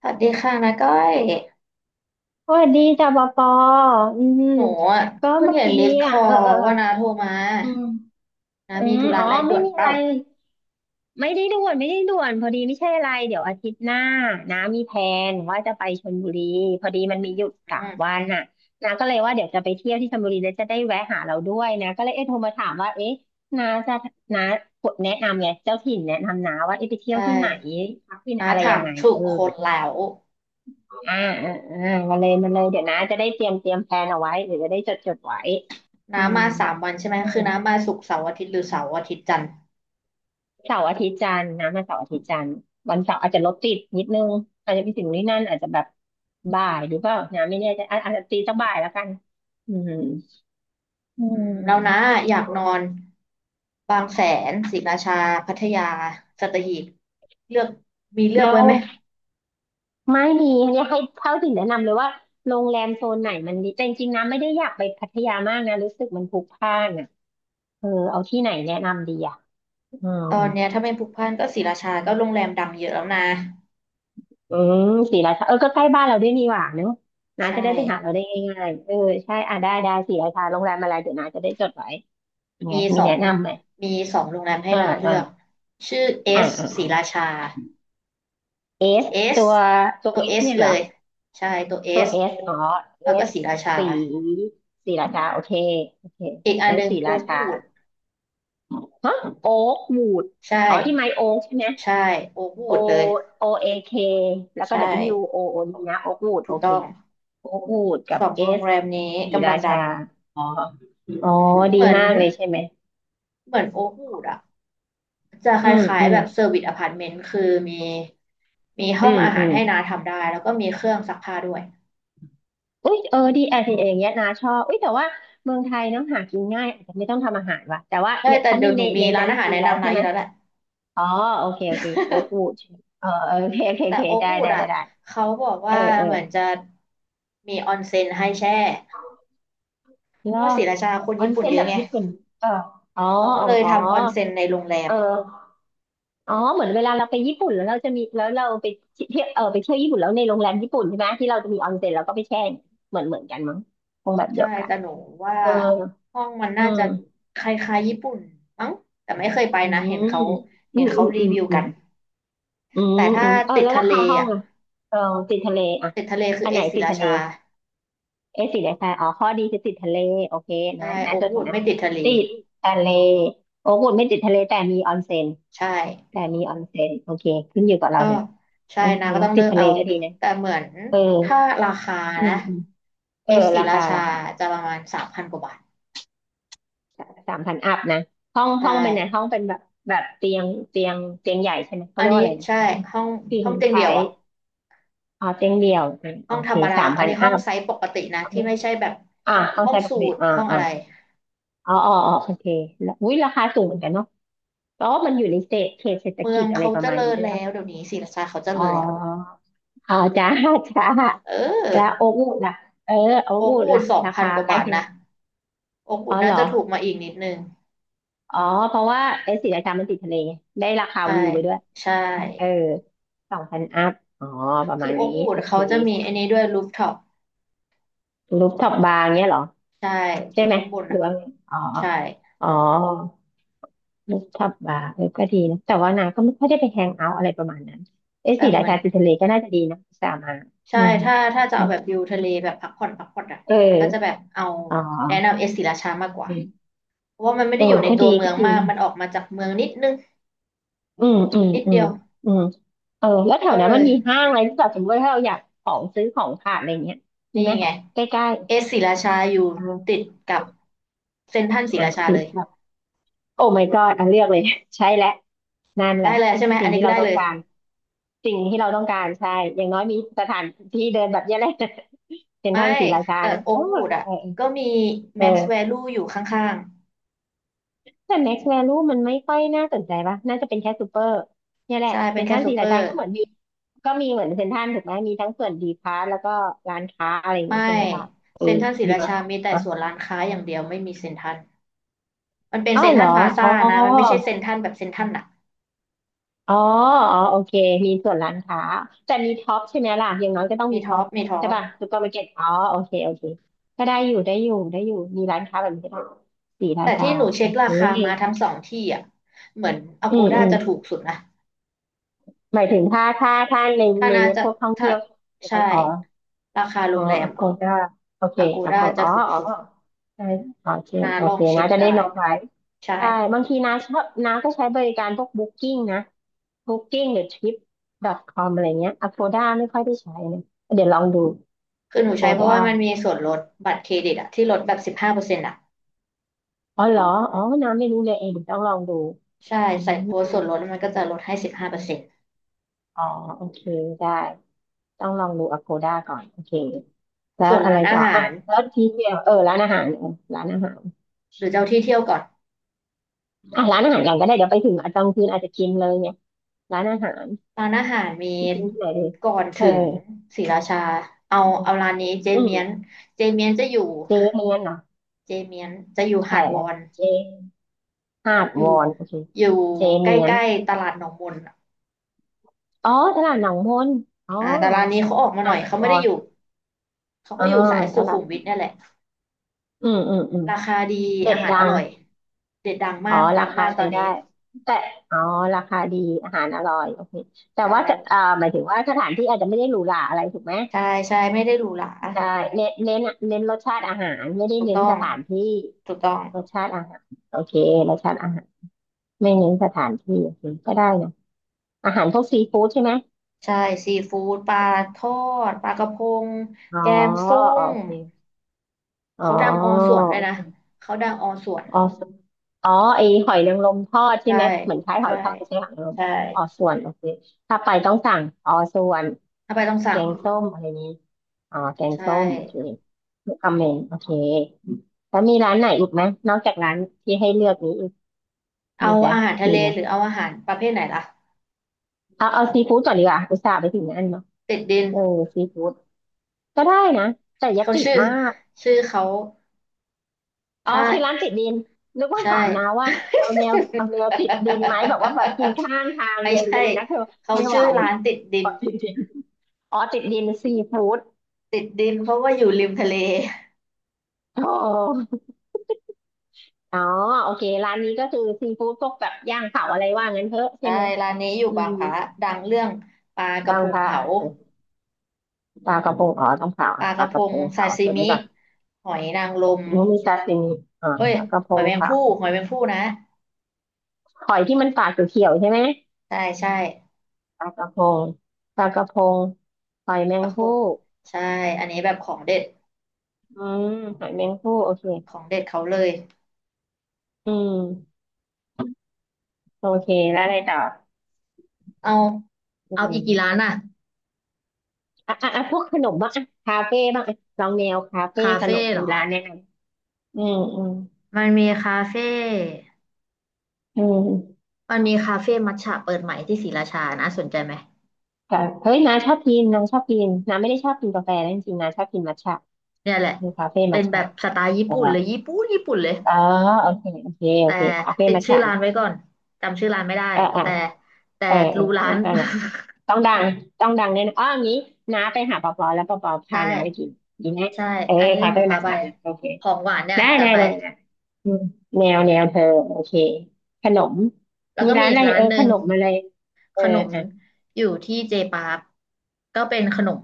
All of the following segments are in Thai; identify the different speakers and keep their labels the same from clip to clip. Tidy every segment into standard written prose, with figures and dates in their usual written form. Speaker 1: สวัสดีค่ะนะก้อย
Speaker 2: สวัสดีจ้าปอปออืม
Speaker 1: หนูอ่ะ
Speaker 2: ก็
Speaker 1: เพิ่ง
Speaker 2: เมื่อ
Speaker 1: เห็น
Speaker 2: กี้
Speaker 1: มิสค
Speaker 2: อ่ะ
Speaker 1: อ
Speaker 2: เออ
Speaker 1: ล
Speaker 2: เออ
Speaker 1: ว่านาโทรมา
Speaker 2: เอออืม
Speaker 1: นะ
Speaker 2: อื
Speaker 1: มี
Speaker 2: ม
Speaker 1: ธุระ
Speaker 2: อ๋อ
Speaker 1: อะไร
Speaker 2: ไม่
Speaker 1: ด่วน
Speaker 2: มี
Speaker 1: เป
Speaker 2: อะ
Speaker 1: ล่า
Speaker 2: ไรไม่ได้ด่วนไม่ได้ด่วนพอดีไม่ใช่อะไรเดี๋ยวอาทิตย์หน้านะมีแพลนว่าจะไปชลบุรีพอดีมันมีหยุด
Speaker 1: อื
Speaker 2: สาม
Speaker 1: ม
Speaker 2: วันน่ะนะก็เลยว่าเดี๋ยวจะไปเที่ยวที่ชลบุรีแล้วจะได้แวะหาเราด้วยนะก็เลยเอ๊ะโทรมาถามว่าเอ๊ะนาจะนากดแนะนำไงเจ้าถิ่นแนะนำนาว่าเอ๊ะไปเที่ยว
Speaker 1: ใช่
Speaker 2: ที่ไหนพักที่ไหน
Speaker 1: นา
Speaker 2: อะไร
Speaker 1: ถา
Speaker 2: ยั
Speaker 1: ม
Speaker 2: งไง
Speaker 1: ถู
Speaker 2: เอ
Speaker 1: ก
Speaker 2: อ
Speaker 1: คนแล้ว
Speaker 2: อ่าอ่าอ่ามาเลยมาเลยเดี๋ยวนะจะได้เตรียมเตรียมแพลนเอาไว้หรือจะได้จดจดไว้อื
Speaker 1: น้า
Speaker 2: ม
Speaker 1: มา3 วันใช่ไหม
Speaker 2: อื
Speaker 1: คื
Speaker 2: ม
Speaker 1: อน้ามาศุกร์เสาร์อาทิตย์หรือเสาร์อาทิตย์จันทร์
Speaker 2: เสาร์อาทิตย์จันทร์นะมาเสาร์อาทิตย์จันทร์วันเสาร์อาจจะรถติดนิดนึงอาจจะไปถึงนี่นั่นอาจจะแบบบ่ายหรือเปล่านะไม่แน่ใจอาจจะตีสักบ่ายแล้วกันอืมอื
Speaker 1: อืมแล้วนา
Speaker 2: ม
Speaker 1: อยากนอนบางแสนศรีราชาพัทยาสัตหีบเลือกมีเลือ
Speaker 2: แล้
Speaker 1: กไว้
Speaker 2: ว
Speaker 1: ไหม
Speaker 2: ไม่มีเนี่ยให้เท่าที่แนะนำเลยว่าโรงแรมโซนไหนมันดีแต่จริงๆนะไม่ได้อยากไปพัทยามากนะรู้สึกมันพลุกพล่านอ่ะเออเอาที่ไหนแนะนำดีอ่ะอืม
Speaker 1: ตอนเนี้ยถ้าไม่ผูกพันก็ศรีราชาก็โรงแรมดังเยอะแล้วนะ
Speaker 2: อืมศรีราชาเออก็ใกล้บ้านเราด้วยนี่หว่าเนอะน้า
Speaker 1: ใช่
Speaker 2: จะได้ไปหาเราได้ง่ายๆเออใช่อ่ะได้ได้ศรีราชาโรงแรมอะไรเดี๋ยวน้าจะได้จดไว้เป็นไง
Speaker 1: มี
Speaker 2: มี
Speaker 1: สอ
Speaker 2: แนะ
Speaker 1: ง
Speaker 2: นำไหม
Speaker 1: มีสองโรงแรมให้
Speaker 2: เออ
Speaker 1: นา
Speaker 2: เออ
Speaker 1: เลือกชื่อเอ
Speaker 2: อ่า
Speaker 1: ส
Speaker 2: อ่า
Speaker 1: ศรีราชาเอ
Speaker 2: ตั
Speaker 1: ส
Speaker 2: วตัว
Speaker 1: ตั
Speaker 2: เอ
Speaker 1: วเอ
Speaker 2: ส
Speaker 1: ส
Speaker 2: เนี่ยเห
Speaker 1: เล
Speaker 2: รอ
Speaker 1: ยใช่ตัวเอ
Speaker 2: ตัว
Speaker 1: ส
Speaker 2: เอสอ๋อเอ
Speaker 1: แล้วก็
Speaker 2: ส
Speaker 1: ศรีราชา
Speaker 2: สีสรีราชาโอเคโอเค
Speaker 1: อีกอั
Speaker 2: เอ
Speaker 1: นห
Speaker 2: ส
Speaker 1: นึ่ง
Speaker 2: สี
Speaker 1: โอ๊
Speaker 2: รา
Speaker 1: ก
Speaker 2: ชา
Speaker 1: วูด
Speaker 2: ฮะโอ๊กวูด
Speaker 1: ใช่
Speaker 2: อ๋อที่ไม้โอ๊กใช่ไหม
Speaker 1: ใช่โอ๊กวู
Speaker 2: โอ
Speaker 1: ดเลย
Speaker 2: โอเอเคแล้วก็
Speaker 1: ใช่
Speaker 2: W O O D นะโอ๊กวูด
Speaker 1: ถู
Speaker 2: โอ
Speaker 1: ก
Speaker 2: เค
Speaker 1: ต้อง
Speaker 2: โอ๊กูดกั
Speaker 1: ส
Speaker 2: บ
Speaker 1: อง
Speaker 2: เก
Speaker 1: โรง
Speaker 2: ส
Speaker 1: แรมนี้
Speaker 2: สี
Speaker 1: กำ
Speaker 2: รา
Speaker 1: ลังดั
Speaker 2: ชา
Speaker 1: ง
Speaker 2: อ๋ออ๋อดี
Speaker 1: เหมือน
Speaker 2: มากเลยใช่ไหม
Speaker 1: เหมือนโอ๊กวูดอะจะค
Speaker 2: อืม
Speaker 1: ล้าย
Speaker 2: อื
Speaker 1: ๆ
Speaker 2: ม
Speaker 1: แบบเซอร์วิสอพาร์ตเมนต์คือมีมีห้
Speaker 2: อื
Speaker 1: อง
Speaker 2: ม
Speaker 1: อา
Speaker 2: อื
Speaker 1: หาร
Speaker 2: ม
Speaker 1: ให้นาทำได้แล้วก็มีเครื่องซักผ้าด้วย
Speaker 2: อุ้ยเออดีแอะไเอย่างเงี้ยนะชอบอุ้ย แต่ว่าเมืองไทยเนาะหากินง่ายอาจจะไม่ต้องทำอาหารว่ะแต่ว่า
Speaker 1: ใช่
Speaker 2: เนี่ย
Speaker 1: แต่
Speaker 2: เขา
Speaker 1: เดี๋
Speaker 2: มี
Speaker 1: ยวห
Speaker 2: ใน
Speaker 1: นูมี
Speaker 2: ใน
Speaker 1: ร้าน
Speaker 2: นั้น
Speaker 1: อาหาร
Speaker 2: ดี
Speaker 1: แนะ
Speaker 2: แล้ว
Speaker 1: นำนา
Speaker 2: ใช่
Speaker 1: อ
Speaker 2: ไหม
Speaker 1: ยู่แล้วแหละ
Speaker 2: อ๋อโอเคโอเคโอ้กูดใช่ไหมเออเออโอเคโอเคโอ
Speaker 1: แต่
Speaker 2: เค
Speaker 1: โอ๊ค
Speaker 2: ได้
Speaker 1: วูด
Speaker 2: ได้
Speaker 1: อ่ะ
Speaker 2: ได้ได้
Speaker 1: เขาบอก
Speaker 2: เออ
Speaker 1: ว่า
Speaker 2: เออ
Speaker 1: เหมือนจะมีออนเซ็นให้แช่เพ
Speaker 2: แล้
Speaker 1: ราะว่า
Speaker 2: ว
Speaker 1: ศรีราชาคน
Speaker 2: ออน
Speaker 1: ญี่ปุ่น
Speaker 2: เซ็น
Speaker 1: เย
Speaker 2: แบ
Speaker 1: อะ
Speaker 2: บ
Speaker 1: ไง
Speaker 2: ญี่ปุ่นเอออ๋อ
Speaker 1: เขาก็
Speaker 2: อ๋อ
Speaker 1: เลย
Speaker 2: อ๋อ
Speaker 1: ทำออนเซ็นในโรงแรม
Speaker 2: เออ อ๋อเหมือนเวลาเราไปญี่ปุ่นแล้วเราจะมีแล้วเราไปเที่ยวเออไปเที่ยวญี่ปุ่นแล้วในโรงแรมญี่ปุ่นใช่ไหมที่เราจะมีออนเซ็นแล้วก็ไปแช่เหมือนกันมั้งคงแบบเดี
Speaker 1: ใช่
Speaker 2: ยวกัน
Speaker 1: แต่หนูว่า
Speaker 2: เออ
Speaker 1: ห้องมัน
Speaker 2: อื
Speaker 1: น่าจะ
Speaker 2: ม
Speaker 1: คล้ายๆญี่ปุ่นมั้งแต่ไม่เคยไป
Speaker 2: อื
Speaker 1: นะเห็น
Speaker 2: ม
Speaker 1: เขา
Speaker 2: อืมอืม
Speaker 1: รี
Speaker 2: อืม
Speaker 1: วิว
Speaker 2: อื
Speaker 1: กัน
Speaker 2: มอืม
Speaker 1: แต่ถ้า
Speaker 2: อืมเออ
Speaker 1: ติด
Speaker 2: แล้ว
Speaker 1: ทะ
Speaker 2: รา
Speaker 1: เล
Speaker 2: คาห้อง
Speaker 1: อ่ะ
Speaker 2: อะเออติดทะเลอ่ะ
Speaker 1: ติดทะเลคือ
Speaker 2: อัน
Speaker 1: เอ
Speaker 2: ไหน
Speaker 1: สศรี
Speaker 2: ติด
Speaker 1: รา
Speaker 2: ทะเล
Speaker 1: ชา
Speaker 2: เอะติดไหนคะอ๋อข้อดีคือติดทะเลโอเค
Speaker 1: ใช่
Speaker 2: นะนะ
Speaker 1: โอ๊
Speaker 2: จ
Speaker 1: ค
Speaker 2: ด
Speaker 1: วู
Speaker 2: ก่อน
Speaker 1: ด
Speaker 2: นะ
Speaker 1: ไม่ติดทะเล
Speaker 2: ติดทะเลโอ้โหไม่ติดทะเลแต่มีออนเซ็น
Speaker 1: ใช่
Speaker 2: แต่มีออนเซ็นโอเคขึ้นอยู่กับเรา
Speaker 1: ก็
Speaker 2: เนี่ยเอ
Speaker 1: ใช่
Speaker 2: อ
Speaker 1: นะ
Speaker 2: เรา
Speaker 1: ก็
Speaker 2: ว่า
Speaker 1: ต้อง
Speaker 2: ติ
Speaker 1: เลื
Speaker 2: ด
Speaker 1: อก
Speaker 2: ทะเล
Speaker 1: เอา
Speaker 2: ก็ดีนะ
Speaker 1: แต่เหมือน
Speaker 2: เออ
Speaker 1: ถ้าราคา
Speaker 2: อื
Speaker 1: นะ
Speaker 2: ม เออ
Speaker 1: เ F สี
Speaker 2: รา
Speaker 1: รา
Speaker 2: คา
Speaker 1: ชา
Speaker 2: ราคา
Speaker 1: จะประมาณ3,000 กว่าบาท
Speaker 2: สามพันอัพนะห้องห้
Speaker 1: ใช่
Speaker 2: องเป็นไงห้องเป็นแบบแบบเตียงเตียงใหญ่ใช่ไหมเขา
Speaker 1: อั
Speaker 2: เรี
Speaker 1: น
Speaker 2: ยก
Speaker 1: นี้
Speaker 2: ว่าอะไรนะ
Speaker 1: ใช่ห้อง
Speaker 2: ที่
Speaker 1: ห้อ
Speaker 2: คุ
Speaker 1: ง
Speaker 2: ณ
Speaker 1: เตียง
Speaker 2: ใช้
Speaker 1: เดี่ยวอ่ะ
Speaker 2: อ๋อเตียงเดียวอ่ะโอ
Speaker 1: ห้องธ
Speaker 2: เค
Speaker 1: รรมดา
Speaker 2: สาม
Speaker 1: อัน
Speaker 2: พัน
Speaker 1: นี้ห้
Speaker 2: อั
Speaker 1: อง
Speaker 2: พ
Speaker 1: ไซส์ปกตินะที่ไม่ใช่แบบ
Speaker 2: อ่าห้อง
Speaker 1: ห้อง
Speaker 2: ใช้ป
Speaker 1: สู
Speaker 2: กติ
Speaker 1: ท
Speaker 2: อ่า
Speaker 1: ห้อง
Speaker 2: อ่า
Speaker 1: อะไร
Speaker 2: อ๋ออ๋ออ๋อโอเคแล้วอุ้ยราคาสูงเหมือนกันเนาะเพราะว่ามันอยู่ในเขตเศรษฐ
Speaker 1: เมื
Speaker 2: กิ
Speaker 1: อ
Speaker 2: จ
Speaker 1: ง
Speaker 2: อะไร
Speaker 1: เขา
Speaker 2: ประ
Speaker 1: เจ
Speaker 2: มาณ
Speaker 1: ริ
Speaker 2: นี้
Speaker 1: ญ
Speaker 2: ด้วย
Speaker 1: แล้
Speaker 2: ปะ
Speaker 1: วเดี๋ยวนี้ศรีราชาเขาเจ
Speaker 2: อ๋อ
Speaker 1: ริญแล้ว
Speaker 2: อ๋อจ้า จ้า
Speaker 1: เอ
Speaker 2: แล้ว
Speaker 1: อ
Speaker 2: โอ๊กวูดล่ะเออโอ๊ก
Speaker 1: โอ๊ก
Speaker 2: วูด
Speaker 1: วูด
Speaker 2: ล่ะ
Speaker 1: สอง
Speaker 2: รา
Speaker 1: พัน
Speaker 2: คา
Speaker 1: กว่า
Speaker 2: ใกล้
Speaker 1: บาท
Speaker 2: เคียง
Speaker 1: นะโอ๊กวู
Speaker 2: อ๋
Speaker 1: ด
Speaker 2: อ
Speaker 1: น่า
Speaker 2: เหรอ
Speaker 1: จะถูกมาอีกนิดนึง
Speaker 2: อ๋อเพราะว่าไอ้ศรีราชามันติดทะเลไงได้ราคา
Speaker 1: ใช่
Speaker 2: วิวไปด้วย
Speaker 1: ใช่
Speaker 2: เออสองพันอัพ อ๋อประมา
Speaker 1: คือ
Speaker 2: ณ
Speaker 1: โอ๊
Speaker 2: นี้
Speaker 1: กวู
Speaker 2: โอ
Speaker 1: ด
Speaker 2: เค
Speaker 1: เขาจะมีอันนี้ด้วยรูฟท็อป
Speaker 2: รูฟท็อปบาร์เงี้ยเหรอ
Speaker 1: ใช่อ
Speaker 2: ใช่
Speaker 1: ยู่
Speaker 2: ไหม
Speaker 1: ข้างบน
Speaker 2: หรื
Speaker 1: อ่ะ
Speaker 2: อว่าไงอ๋อ
Speaker 1: ใช่
Speaker 2: อ๋อ รูฟท็อปบาร์เออก็ดีนะ แต่ว่านาก็ไม่ค่อยได้ไปแฮงเอาท์อะไรประมาณนั้นเอะ
Speaker 1: แต่
Speaker 2: ศรี
Speaker 1: เห
Speaker 2: รา
Speaker 1: มือน
Speaker 2: ชาติดทะเลก็น่าจะดีนะ สามา
Speaker 1: ใช่
Speaker 2: อืม
Speaker 1: ถ้าถ้าจะ
Speaker 2: อื
Speaker 1: เอา
Speaker 2: ม
Speaker 1: แบบวิวทะเลแบบพักผ่อนพักผ่อนอ่ะ
Speaker 2: เ
Speaker 1: ก็จะแบ
Speaker 2: ออ
Speaker 1: บเอา
Speaker 2: อ๋อ
Speaker 1: แนะนำเอสศรีราชามากกว่า
Speaker 2: อืม
Speaker 1: เพราะว่ามันไม่
Speaker 2: เอ
Speaker 1: ได้อ
Speaker 2: อ
Speaker 1: ยู่ใน
Speaker 2: ก็
Speaker 1: ตัว
Speaker 2: ดี
Speaker 1: เมื
Speaker 2: ก็
Speaker 1: อง
Speaker 2: ดี
Speaker 1: มากมันออกมาจากเมืองนิดนึง
Speaker 2: อืมอืม
Speaker 1: นิด
Speaker 2: อื
Speaker 1: เดี
Speaker 2: ม
Speaker 1: ยว
Speaker 2: อืมเออ แล้วแถ
Speaker 1: ก็
Speaker 2: วนั้
Speaker 1: เล
Speaker 2: นมัน
Speaker 1: ย
Speaker 2: มีห้างอะไรที่แบบสมมติว่าถ้าเราอยากของซื้อของขาดอะไรเงี้ยมี
Speaker 1: นี่
Speaker 2: ไหม
Speaker 1: ไง
Speaker 2: ใกล้
Speaker 1: เอสศรีราชาอยู่
Speaker 2: ๆเอ
Speaker 1: ติ
Speaker 2: อ
Speaker 1: ดกับเซ็นทรัลศรี
Speaker 2: อ่
Speaker 1: ราชาเลย
Speaker 2: ะ โอ้ my god อันเลือกเลย ใช่แล้วนั่นแห
Speaker 1: ได้
Speaker 2: ละ
Speaker 1: เลยใช่ไหม
Speaker 2: สิ่
Speaker 1: อั
Speaker 2: ง
Speaker 1: นนี้
Speaker 2: ที่
Speaker 1: ก็
Speaker 2: เรา
Speaker 1: ได้
Speaker 2: ต้อ
Speaker 1: เล
Speaker 2: ง
Speaker 1: ย
Speaker 2: การสิ่งที่เราต้องการใช่อย่างน้อยมีสถานที่เดินแบบเนี้ยแหละ เซ็นท
Speaker 1: ไม่
Speaker 2: รัลศรีราชา
Speaker 1: แต่
Speaker 2: นะ
Speaker 1: โอ๊ก
Speaker 2: โอ้
Speaker 1: วูดอ่ะ
Speaker 2: เออ
Speaker 1: ก็มี Max
Speaker 2: เออ
Speaker 1: Value อยู่ข้าง
Speaker 2: แต่ next value มันไม่ค่อยน่าสนใจปะน่าจะเป็นแค่ซูเปอร์เนี่ยแห
Speaker 1: ๆ
Speaker 2: ละ
Speaker 1: ใช่เป็
Speaker 2: เซ็
Speaker 1: น
Speaker 2: นท
Speaker 1: แค่
Speaker 2: รัลศ
Speaker 1: ซู
Speaker 2: รี
Speaker 1: เป
Speaker 2: รา
Speaker 1: อ
Speaker 2: ชา
Speaker 1: ร์
Speaker 2: ก็เหมือนมีก็มีเหมือนเซ็นทรัลถูกไหมมีทั้งส่วนดีพาร์ทแล้วก็ร้านค้าอะไรอย่าง
Speaker 1: ไม่
Speaker 2: งี้ใช่ไหมล่ะ
Speaker 1: เซ็นทรัลศรี
Speaker 2: ดี
Speaker 1: รา
Speaker 2: กว่า
Speaker 1: ชามีแต่
Speaker 2: อ๋
Speaker 1: สวนร้านค้าอย่างเดียวไม่มีเซ็นทรัล มันเป็น
Speaker 2: อา
Speaker 1: เซ็
Speaker 2: ว
Speaker 1: นท
Speaker 2: เหร
Speaker 1: รัล
Speaker 2: อ
Speaker 1: พลา
Speaker 2: อ๋
Speaker 1: ซ่า
Speaker 2: อ
Speaker 1: นะมันไม่ใช่เซ็นทรัลแบบเซ็นทรัลอะ
Speaker 2: อ๋ออ๋อโอเค มีส่วนร้านค้า แต่มีท็อปใช่ไหมล่ะ อย่างน้อยก็ต้อง
Speaker 1: มี
Speaker 2: มี
Speaker 1: ท็
Speaker 2: ท็
Speaker 1: อ
Speaker 2: อ
Speaker 1: ป
Speaker 2: ป
Speaker 1: มีท็อ
Speaker 2: ใช่
Speaker 1: ป
Speaker 2: ป่ะซูเปอร์มาร์เก็ตอ๋อโอเคโอเคก็ได้อยู่มีร้านค้าแบบนี้ก็ได้สีรา
Speaker 1: แต่
Speaker 2: ชา
Speaker 1: ที่หนู
Speaker 2: โอ
Speaker 1: เช็ค
Speaker 2: เค
Speaker 1: ราคามาทั้งสองที่อะเหมือนอ
Speaker 2: อื
Speaker 1: โก
Speaker 2: ม
Speaker 1: ด้า
Speaker 2: อืม
Speaker 1: จะถูกสุดนะ
Speaker 2: หมายถึงถ้าใน
Speaker 1: ถ้านา
Speaker 2: ใน
Speaker 1: จะ
Speaker 2: พวกท่อง
Speaker 1: ถ้า
Speaker 2: เที่ยว
Speaker 1: ใช่
Speaker 2: อ๋อ
Speaker 1: ราคาโร
Speaker 2: อ๋อ
Speaker 1: งแรมอะ
Speaker 2: Agoda โอเค
Speaker 1: Agoda
Speaker 2: Agoda
Speaker 1: จะ
Speaker 2: อ๋อ
Speaker 1: ถูก
Speaker 2: อ๋อ
Speaker 1: สุด
Speaker 2: ใช่โอเค
Speaker 1: นา
Speaker 2: โอ
Speaker 1: ลอ
Speaker 2: เค
Speaker 1: งเช็
Speaker 2: นะ
Speaker 1: ค
Speaker 2: จะได้
Speaker 1: ได้
Speaker 2: โน้ตไว้
Speaker 1: ใช่
Speaker 2: ใช่บางทีนะชอบนะก็ใช้บริการพวก Booking นะ Booking หรือ Trip.com อทคอมอะไรเงี้ย Agoda ไม่ค่อยได้ใช้นะเดี๋ยวลองดู
Speaker 1: คือหนูใช้เพ
Speaker 2: Agoda
Speaker 1: ราะว่ามันมีส่วนลดบัตรเครดิตอะที่ลดแบบสิบห้าเปอร์เซ็นต์อะ
Speaker 2: อ๋อเหรออ๋อน้ำไม่รู้เลยเองเดี๋ยวต้องลองดู
Speaker 1: ใช่
Speaker 2: อื
Speaker 1: ใส่โค้ด
Speaker 2: ม
Speaker 1: ส่วนลดแล้วมันก็จะลดให้สิบห้าเปอร์เซ็นต์
Speaker 2: อ๋อโอเคได้ต้องลองดู Agoda ก่อนโอเคแล้
Speaker 1: ส่
Speaker 2: ว
Speaker 1: วน
Speaker 2: อะไร
Speaker 1: ร้านอา
Speaker 2: ต่อ
Speaker 1: หา
Speaker 2: อ่ะ
Speaker 1: ร
Speaker 2: แล้วทีเดียวเออร้านอาหารเออร้านอาหาร
Speaker 1: หรือเจ้าที่เที่ยวก่อน
Speaker 2: อ่ะร้านอาหารกันก็ได้เดี๋ยวไปถึงอาจจองคืนอาจจะกินเลยเนี่ยร้านอาหาร
Speaker 1: ร้านอาหารมี
Speaker 2: ที่กินที่ไหนดี
Speaker 1: ก่อน
Speaker 2: เออ
Speaker 1: ถึงศรีราชาเอา
Speaker 2: อืม
Speaker 1: เอาร้านนี้เจ
Speaker 2: อืม
Speaker 1: เมียนเจเมียนจะอยู่
Speaker 2: เจเมียนเหรอ
Speaker 1: เจเมียนจะอยู่
Speaker 2: ใช่
Speaker 1: หาดว
Speaker 2: แล้ว
Speaker 1: อน
Speaker 2: เจหาด
Speaker 1: อยู่
Speaker 2: วอนโอเค
Speaker 1: อยู่
Speaker 2: เจ
Speaker 1: ใก
Speaker 2: เมียน
Speaker 1: ล้ๆตลาดหนองมนอะ
Speaker 2: อ๋อตลาดหนองมนอ๋อ
Speaker 1: แต่ร้านนี้เขาออกมาหน่
Speaker 2: หา
Speaker 1: อย
Speaker 2: ด
Speaker 1: เขา
Speaker 2: ว
Speaker 1: ไม่
Speaker 2: อ
Speaker 1: ได้
Speaker 2: น
Speaker 1: อยู่เขา
Speaker 2: อ๋
Speaker 1: ก็
Speaker 2: อ
Speaker 1: อยู่สาย
Speaker 2: ต
Speaker 1: สุ
Speaker 2: ลา
Speaker 1: ขุ
Speaker 2: ด
Speaker 1: ม
Speaker 2: หน
Speaker 1: วิ
Speaker 2: อ
Speaker 1: ท
Speaker 2: ง
Speaker 1: เนี่
Speaker 2: ม
Speaker 1: ย
Speaker 2: น
Speaker 1: แหละ
Speaker 2: อืมอืมอืม
Speaker 1: ราคาดี
Speaker 2: เด็ด
Speaker 1: อาหาร
Speaker 2: ดั
Speaker 1: อ
Speaker 2: ง
Speaker 1: ร่อยเด็ดดัง
Speaker 2: อ๋
Speaker 1: มา
Speaker 2: อ
Speaker 1: กดั
Speaker 2: รา
Speaker 1: ง
Speaker 2: คา
Speaker 1: มากตอ
Speaker 2: ใช้
Speaker 1: นนี้
Speaker 2: ได้แต่อ๋อราคาดีอาหารอร่อยโอเคแต่ว่าจะ
Speaker 1: ใช่
Speaker 2: อ่าหมายถึงว่าสถานที่อาจจะไม่ได้หรูหราอะไรถูกไหม
Speaker 1: ใช่ใช่ไม่ได้หรูหรา
Speaker 2: ใช่เน้นเน้นเน้นรสชาติอาหารไม่ได้
Speaker 1: ถูก
Speaker 2: เน้น
Speaker 1: ต้อ
Speaker 2: ส
Speaker 1: ง
Speaker 2: ถานที่
Speaker 1: ถูกต้อง
Speaker 2: รสชาติอาหารโอเครสชาติอาหารไม่เน้นสถานที่โอเคก็ได้นะอาหารพวกซีฟู้ดใช่ไหม
Speaker 1: ใช่ซีฟู้ดปลาทอดปลากระพง
Speaker 2: อ๋อ
Speaker 1: แกงส้
Speaker 2: โอ
Speaker 1: ม
Speaker 2: เคอ๋อ
Speaker 1: เขาดังอส่วนด้ว
Speaker 2: โอ
Speaker 1: ยนะ
Speaker 2: เค
Speaker 1: เขาดังออส่วน
Speaker 2: อ๋ออ๋อไอหอยนางรมทอดใช่
Speaker 1: ใช่
Speaker 2: ไหมเหมือนคล้ายหอ
Speaker 1: ใช่
Speaker 2: ยทอดใช่ไหมหอยนางรม
Speaker 1: ใช
Speaker 2: อ๋ออ๋อ
Speaker 1: ่
Speaker 2: ส่วนโอเคถ้าไปต้องสั่งอ๋อส่วน
Speaker 1: ถ้าไปต้อง
Speaker 2: แก
Speaker 1: สั่ง
Speaker 2: งส้มอะไรนี้อ๋อแกง
Speaker 1: ใช่
Speaker 2: ส้มโอเคทุกคอมเมนต์โอเคแล้วมีร้านไหนอีกไหมนอกจากร้านที่ให้เลือกนี้อีก
Speaker 1: เอา
Speaker 2: มีไหม
Speaker 1: อาหารทะ
Speaker 2: มี
Speaker 1: เล
Speaker 2: ไหม
Speaker 1: หรือเอาอาหารประเภทไหนล่ะ
Speaker 2: เอาเอาซีฟู้ดก่อนดีกว่าอุตส่าห์ไปถึงนั่นเนาะ
Speaker 1: ติดดิน
Speaker 2: เออซีฟู้ด ก็ได้นะแต่อย่า
Speaker 1: เขา
Speaker 2: ติด
Speaker 1: ชื่อ
Speaker 2: มาก
Speaker 1: ชื่อเขา
Speaker 2: อ๋อ
Speaker 1: ถ้า
Speaker 2: ที่ร้านติดดินนึกว่า
Speaker 1: ใช
Speaker 2: ถามนะ
Speaker 1: ่
Speaker 2: ว่าเอาแนวเอาแนวติดดินไหมแบบว่าแบบกินข้างทาง
Speaker 1: ไม่
Speaker 2: เลยไป
Speaker 1: ใช่
Speaker 2: เลยนะเธอ
Speaker 1: เขา
Speaker 2: ไม่ไหว
Speaker 1: ชื่อร้านติดดิ
Speaker 2: ข
Speaker 1: น
Speaker 2: อติดดินอ๋อติดดินซีฟู้ด
Speaker 1: ติดดินเพราะว่าอยู่ริมทะเล
Speaker 2: อ๋ออ๋อโอเคร้านนี้ก็คือซีฟู้ดพวกแบบย่างเผาอะไรว่างั้นเถอะใช่
Speaker 1: ใช่
Speaker 2: ไหม
Speaker 1: ร้านนี้อยู่
Speaker 2: อื
Speaker 1: บาง
Speaker 2: ม
Speaker 1: พระดังเรื่องปลากระ
Speaker 2: บา
Speaker 1: พ
Speaker 2: งพ
Speaker 1: ง
Speaker 2: ระ
Speaker 1: เผา
Speaker 2: เออปลากระพงอ๋อต้องเผา
Speaker 1: ป
Speaker 2: อ่ะ
Speaker 1: ลา
Speaker 2: ป
Speaker 1: ก
Speaker 2: ลา
Speaker 1: ระพ
Speaker 2: กระพ
Speaker 1: ง
Speaker 2: ง
Speaker 1: ซา
Speaker 2: เผา
Speaker 1: ซิ
Speaker 2: เจอไหม
Speaker 1: มิ
Speaker 2: ก่อน
Speaker 1: หอยนางรม
Speaker 2: มันมีซาซิมิอ๋อ
Speaker 1: เอ้ย
Speaker 2: ปลากระพ
Speaker 1: หอย
Speaker 2: ง
Speaker 1: แมง
Speaker 2: เผา
Speaker 1: ภู่หอยแมงภู่นะ
Speaker 2: หอยที่มันปากเขียวๆใช่ไหม
Speaker 1: ใช่ใช่
Speaker 2: ปลากระพงปลากระพงหอยแม
Speaker 1: ป
Speaker 2: ง
Speaker 1: ลาโค
Speaker 2: ภู่
Speaker 1: งใช่อันนี้แบบของเด็ด
Speaker 2: อืมหอยแมงภู่โอเค
Speaker 1: ของเด็ดเขาเลย
Speaker 2: อืมโอเคแล้วอะไรต่อ
Speaker 1: เอา
Speaker 2: อื
Speaker 1: เอาอีก
Speaker 2: ม
Speaker 1: กี่ร้านอะ
Speaker 2: อ่ะอ่ะอ่ะพวกขนมบ้างอ่ะคาเฟ่บ้างอ่ะลองแนวคาเฟ่
Speaker 1: คา
Speaker 2: ขน
Speaker 1: เฟ่
Speaker 2: ม
Speaker 1: เหร
Speaker 2: มี
Speaker 1: อ
Speaker 2: ร้านแนะนำอืมอืม
Speaker 1: มันมีคาเฟ่
Speaker 2: อืม
Speaker 1: มัทฉะเปิดใหม่ที่ศรีราชานะสนใจไหม
Speaker 2: แต่เฮ้ยน้าชอบกินน้าชอบกินน้าไม่ได้ชอบกินกาแฟนะจริงๆน้าชอบกินมัทฉะ
Speaker 1: เนี่ยแหละ
Speaker 2: มีคาเฟ่
Speaker 1: เป็
Speaker 2: มัท
Speaker 1: นแบ
Speaker 2: ฉะ
Speaker 1: บสไตล์ญี่
Speaker 2: เออ
Speaker 1: ปุ่นเลยญี่ปุ่นญี่ปุ่นเลย
Speaker 2: เออโอเคโอเคโอ
Speaker 1: แต่
Speaker 2: เคคาเฟ่
Speaker 1: ติด
Speaker 2: มัท
Speaker 1: ชื่อ
Speaker 2: ฉะ
Speaker 1: ร้านไว้
Speaker 2: นะ
Speaker 1: ก่อนจำชื่อร้านไม่ได้
Speaker 2: เออเออ
Speaker 1: แต่แต่
Speaker 2: เออเออ
Speaker 1: รู้ร้า
Speaker 2: ไม่
Speaker 1: น
Speaker 2: เป็นไรต้องดังต้องดังแน่นอนอ้ออย่างนี้น้าไปหาปอปอแล้วปอปอ พา
Speaker 1: ใช่
Speaker 2: น้าไปกินดีไหม
Speaker 1: ใช่
Speaker 2: เออ
Speaker 1: อันนี้เดี๋
Speaker 2: คา
Speaker 1: ยวหนู
Speaker 2: เฟ่นนั
Speaker 1: พา
Speaker 2: ก
Speaker 1: ไป
Speaker 2: ขัตนะโอเค
Speaker 1: ของหวานเนี่ย
Speaker 2: ได้
Speaker 1: จั
Speaker 2: ได้
Speaker 1: ดไป
Speaker 2: ได้ได้อืมแนวแนวเธอโอเคขนม
Speaker 1: แล้ว
Speaker 2: มี
Speaker 1: ก็มี
Speaker 2: ร้านอะ
Speaker 1: อี
Speaker 2: ไร
Speaker 1: กร้า
Speaker 2: เอ
Speaker 1: น
Speaker 2: อ
Speaker 1: ห
Speaker 2: ข
Speaker 1: นึ่ง
Speaker 2: นมอะไรเอ
Speaker 1: ข
Speaker 2: อ
Speaker 1: นม
Speaker 2: อ่ะ
Speaker 1: อยู่ที่เจปาร์คก็เป็นขนม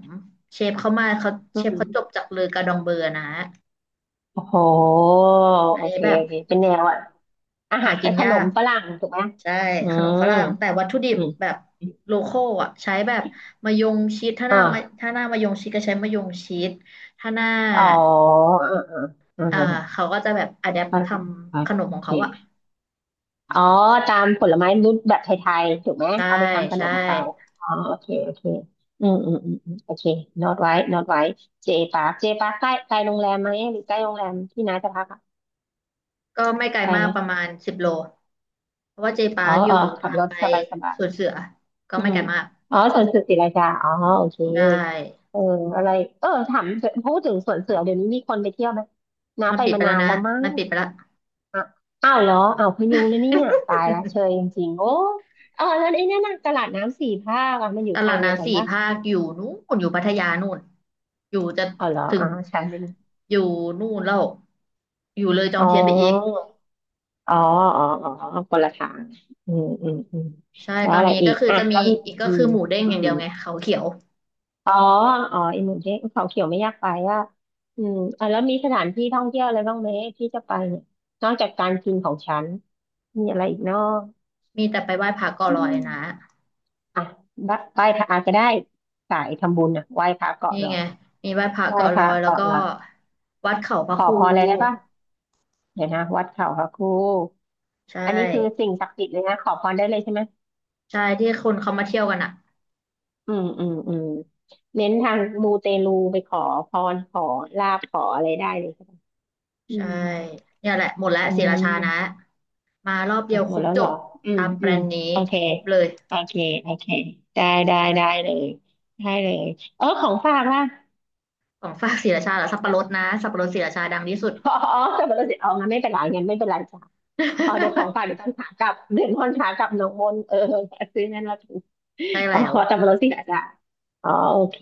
Speaker 1: เชฟเขามา
Speaker 2: อื
Speaker 1: เชฟเขาจบ
Speaker 2: ม
Speaker 1: จากเลอกาดองเบอร์นะ
Speaker 2: โอ้โห
Speaker 1: อัน
Speaker 2: โอ
Speaker 1: นี้
Speaker 2: เค
Speaker 1: แบบ
Speaker 2: โอเคเป็นแนวอ่ะอา
Speaker 1: หา
Speaker 2: หา
Speaker 1: กิ
Speaker 2: ร
Speaker 1: น
Speaker 2: ข
Speaker 1: ยา
Speaker 2: นม
Speaker 1: ก
Speaker 2: ฝรั่งถูกไหม
Speaker 1: ใช่
Speaker 2: อื
Speaker 1: ขนมฝ
Speaker 2: ม
Speaker 1: รั่งแต่วัตถุดิ
Speaker 2: อื
Speaker 1: บ
Speaker 2: ม
Speaker 1: แบบโลคอลอ่ะใช้แบบมะยงชิด
Speaker 2: อ่า
Speaker 1: ถ้าหน้ามะยงชิดก็ใช้มะยงชิดถ้าหน้า
Speaker 2: อ๋ออ่าอ่า
Speaker 1: อ่า
Speaker 2: อ่า
Speaker 1: เขาก็จะแบบอะแดป
Speaker 2: ฝ
Speaker 1: ท
Speaker 2: รั่ง
Speaker 1: ำขนมข
Speaker 2: โอ
Speaker 1: อง
Speaker 2: เค
Speaker 1: เขาอ่ะ
Speaker 2: อ๋อตามผลไม้รูปแบบไทยๆถูกไหม
Speaker 1: ใช่
Speaker 2: เอาไปทำขน
Speaker 1: ใช่
Speaker 2: มเขาอ๋อโอเคโอเคอืมอืมอืมอืมโอเคโน้ตไว้โน้ตไว้เจปาร์คเจปาร์คใกล้ใกล้โรงแรมไหมหรือใกล้โรงแรมที่น้าจะพักอะ
Speaker 1: ก็ไม่ไกล
Speaker 2: ใกล้
Speaker 1: มา
Speaker 2: ไห
Speaker 1: ก
Speaker 2: ม
Speaker 1: ประมาณ10 โลเพราะว่าเจปา
Speaker 2: อ๋อ
Speaker 1: ร์คอ
Speaker 2: อ๋
Speaker 1: ยู่
Speaker 2: อขับ
Speaker 1: ทาง
Speaker 2: รถ
Speaker 1: ไป
Speaker 2: สบายสบา
Speaker 1: ส
Speaker 2: ย
Speaker 1: วนเสือก็
Speaker 2: อื
Speaker 1: ไม่
Speaker 2: ม
Speaker 1: ไกลมาก
Speaker 2: อ๋อสวนเสือศรีราชาอ๋อโอเค
Speaker 1: ใช่
Speaker 2: เอออะไรเออถามพูดถึงสวนเสือเดี๋ยวนี้มีคนไปเที่ยวไหมน้า
Speaker 1: มัน
Speaker 2: ไป
Speaker 1: ปิด
Speaker 2: มา
Speaker 1: ไปแล้
Speaker 2: นา
Speaker 1: ว
Speaker 2: น
Speaker 1: นะ
Speaker 2: แล้วมั้ง
Speaker 1: มันปิดไปแล้ว
Speaker 2: อ่ะอ้าวเหรออ้าวพยุงนะเนี่ยตายละ เชยจริงๆโอ้เออแล้วไอ้นั่นน่ะตลาดน้ำสี่ภาคอ่ะมันอยู่
Speaker 1: ต
Speaker 2: ทา
Speaker 1: ลาด
Speaker 2: งเดียวกั
Speaker 1: น้ำ
Speaker 2: น
Speaker 1: สี่
Speaker 2: ปะ
Speaker 1: ภาคอยู่นู่นอยู่พัทยานู่นอยู่จะ
Speaker 2: อ๋อเหรอ
Speaker 1: ถึ
Speaker 2: อ๋
Speaker 1: ง
Speaker 2: อใช่ไหม
Speaker 1: อยู่นู่นแล้วอยู่เลยจอ
Speaker 2: อ๋
Speaker 1: ม
Speaker 2: อ
Speaker 1: เทียนไปอีก
Speaker 2: อ๋ออ๋ออ๋อคนละทางอืมอืมอืม
Speaker 1: ใช่
Speaker 2: แล้ว
Speaker 1: ตอน
Speaker 2: อะไร
Speaker 1: นี้
Speaker 2: อี
Speaker 1: ก็
Speaker 2: ก
Speaker 1: คือ
Speaker 2: อ่ะ
Speaker 1: จะมี
Speaker 2: แล้วมี
Speaker 1: อีกก็
Speaker 2: อื
Speaker 1: คื
Speaker 2: ม
Speaker 1: อหมูเด้ง
Speaker 2: อื
Speaker 1: อย่าง
Speaker 2: ม
Speaker 1: เดียวไงเขาเขียว
Speaker 2: อ๋ออ๋ออีหมูเด้งเขาเขียวไม่อยากไปอ่ะอืมอ่ะแล้วมีสถานที่ท่องเที่ยวอะไรบ้างไหมที่จะไปเนี่ยนอกจากการกินของฉันมีอะไรอีกเนาะ
Speaker 1: มีแต่ไปไหว้พระเกาะ
Speaker 2: อื
Speaker 1: ลอย
Speaker 2: ม
Speaker 1: นะ
Speaker 2: อ่ะบดไหว้พระก็ได้สายทำบุญอ่ะไหว้พระเกาะ
Speaker 1: นี่
Speaker 2: หลอ
Speaker 1: ไง
Speaker 2: ด
Speaker 1: มีไหว้พระ
Speaker 2: ไหว้
Speaker 1: เกาะ
Speaker 2: พ
Speaker 1: ลอ
Speaker 2: ระ
Speaker 1: ยแล้ว
Speaker 2: เกาะ
Speaker 1: ก็
Speaker 2: หลอด
Speaker 1: วัดเขาพ
Speaker 2: ข
Speaker 1: ระ
Speaker 2: อ
Speaker 1: ครู
Speaker 2: พรอะไรได้บ้างเดี๋ยวนะวัดเขาพระครู
Speaker 1: ใช่
Speaker 2: อันนี้คือสิ่งศักดิ์สิทธิ์เลยนะขอพรได้เลยใช่ไหม
Speaker 1: ใช่ที่คนเขามาเที่ยวกันอ่ะ
Speaker 2: อืมอืมอืมเน้นทางมูเตลูไปขอพรขอลาภขออะไรได้เลยใช่ไหมอื
Speaker 1: ใช่
Speaker 2: ม
Speaker 1: เนี่ยแหละหมดแล้ว
Speaker 2: อื
Speaker 1: ศรีราชานะ
Speaker 2: ม
Speaker 1: มารอบเดี
Speaker 2: อ่ะ
Speaker 1: ยว
Speaker 2: ห
Speaker 1: ค
Speaker 2: ม
Speaker 1: ร
Speaker 2: ด
Speaker 1: บ
Speaker 2: แล้ว
Speaker 1: จ
Speaker 2: เหรอ
Speaker 1: บ
Speaker 2: อื
Speaker 1: ตา
Speaker 2: ม
Speaker 1: มแบ
Speaker 2: อื
Speaker 1: ร
Speaker 2: ม
Speaker 1: นด์นี้
Speaker 2: โอเค
Speaker 1: ครบเลย
Speaker 2: โอเคโอเคได้ได้ได้เลยได้เลยเออของฝากล่ะ
Speaker 1: ของฝากศรีราชาเหรอสับปะรดนะสับปะรดศรีราชาดังที่สุด
Speaker 2: อ๋ออ๋อแต่มันเราสิเอางั้นไม่เป็นไรงั้นไม่เป็นไรจ้ะ อ๋อเดี๋ยวของฝากเดี๋ยวต อนขากลับเดี๋ยวตอนขากลับหน้องมนเออซื้อนั่นแล้วกัน
Speaker 1: ได้
Speaker 2: อ๋
Speaker 1: แล้
Speaker 2: อ
Speaker 1: ว
Speaker 2: สับปะรดที่ไหนอ่ะอ๋อโอเค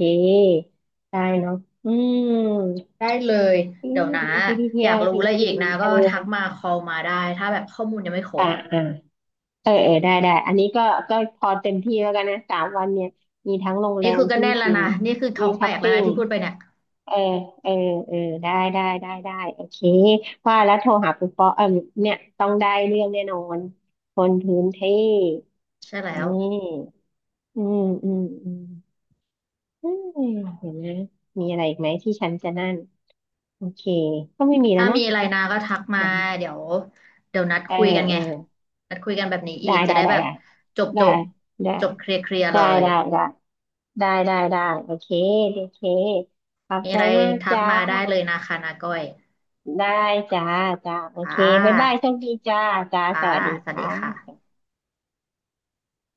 Speaker 2: ได้เนาะอืม
Speaker 1: ได้เลย
Speaker 2: นี่
Speaker 1: เดี๋ยวนะ
Speaker 2: ดีดี
Speaker 1: อ
Speaker 2: เที่
Speaker 1: ยา
Speaker 2: ย
Speaker 1: ก
Speaker 2: ว
Speaker 1: รู้
Speaker 2: ที่
Speaker 1: อะไรอี
Speaker 2: คิ
Speaker 1: ก
Speaker 2: ม
Speaker 1: นะ
Speaker 2: เอ
Speaker 1: ก็
Speaker 2: อ
Speaker 1: ทักมาคอลมาได้ถ้าแบบข้อมูลยังไม่คร
Speaker 2: อ่า
Speaker 1: บ
Speaker 2: อ่าเออเออได้ได้อันนี้ก็ก็พอเต็มที่แล้วกันนะ3 วันเนี่ยมีทั้งโรงแร
Speaker 1: นี่
Speaker 2: ม
Speaker 1: คือก็
Speaker 2: ที่
Speaker 1: แน่นแล้ว
Speaker 2: กิน
Speaker 1: นะนี่คือ
Speaker 2: มี
Speaker 1: ท้อง
Speaker 2: ช้
Speaker 1: แต
Speaker 2: อป
Speaker 1: กแล้ว
Speaker 2: ปิ้
Speaker 1: นะ
Speaker 2: ง
Speaker 1: ที่พูดไปเนี่ย
Speaker 2: เออเออเออได้ได้ได้ได้โอเคว่าแล้วโทรหาปุ๊ปปอเออเนี่ยต้องได้เรื่องแน่นอนคนพื้นที่
Speaker 1: ใช่แล้
Speaker 2: นี่
Speaker 1: ว
Speaker 2: อืมอืมอืมเฮ้ยเห็นนะมมีอะไรอีกไหมที่ฉันจะนั่นโอเคก็ไม่มีแล้ว
Speaker 1: ถ้ามี
Speaker 2: เนาะ
Speaker 1: อะไรนะก็ทักมา
Speaker 2: เดี๋ยว
Speaker 1: เดี๋ยวเดี๋ยวนัด
Speaker 2: เออ
Speaker 1: คุยกัน
Speaker 2: เอ
Speaker 1: ไง
Speaker 2: อ
Speaker 1: นัดคุยกันแบบนี้อี
Speaker 2: ได้
Speaker 1: กจะ
Speaker 2: ได้
Speaker 1: ได้
Speaker 2: ได้
Speaker 1: แบบ
Speaker 2: ได้
Speaker 1: จบจ
Speaker 2: ได้
Speaker 1: บ
Speaker 2: ได้
Speaker 1: จบเคลียร์เคลียร์เล
Speaker 2: ได้
Speaker 1: ย
Speaker 2: ได้ได้ได้ได้ได้โอเคโอเคขอบ
Speaker 1: มี
Speaker 2: ใจ
Speaker 1: อะไร
Speaker 2: มาก
Speaker 1: ทัก
Speaker 2: จ้า
Speaker 1: มาได้เลยนะคะนาก้อย
Speaker 2: ได้จ้าจ้าโอ
Speaker 1: ค่
Speaker 2: เคบ๊ายบายโช
Speaker 1: ะ
Speaker 2: คดีจ้าจ้า
Speaker 1: ค่ะ
Speaker 2: สวัสดี
Speaker 1: สวัส
Speaker 2: ค่
Speaker 1: ดี
Speaker 2: ะ
Speaker 1: ค่ะ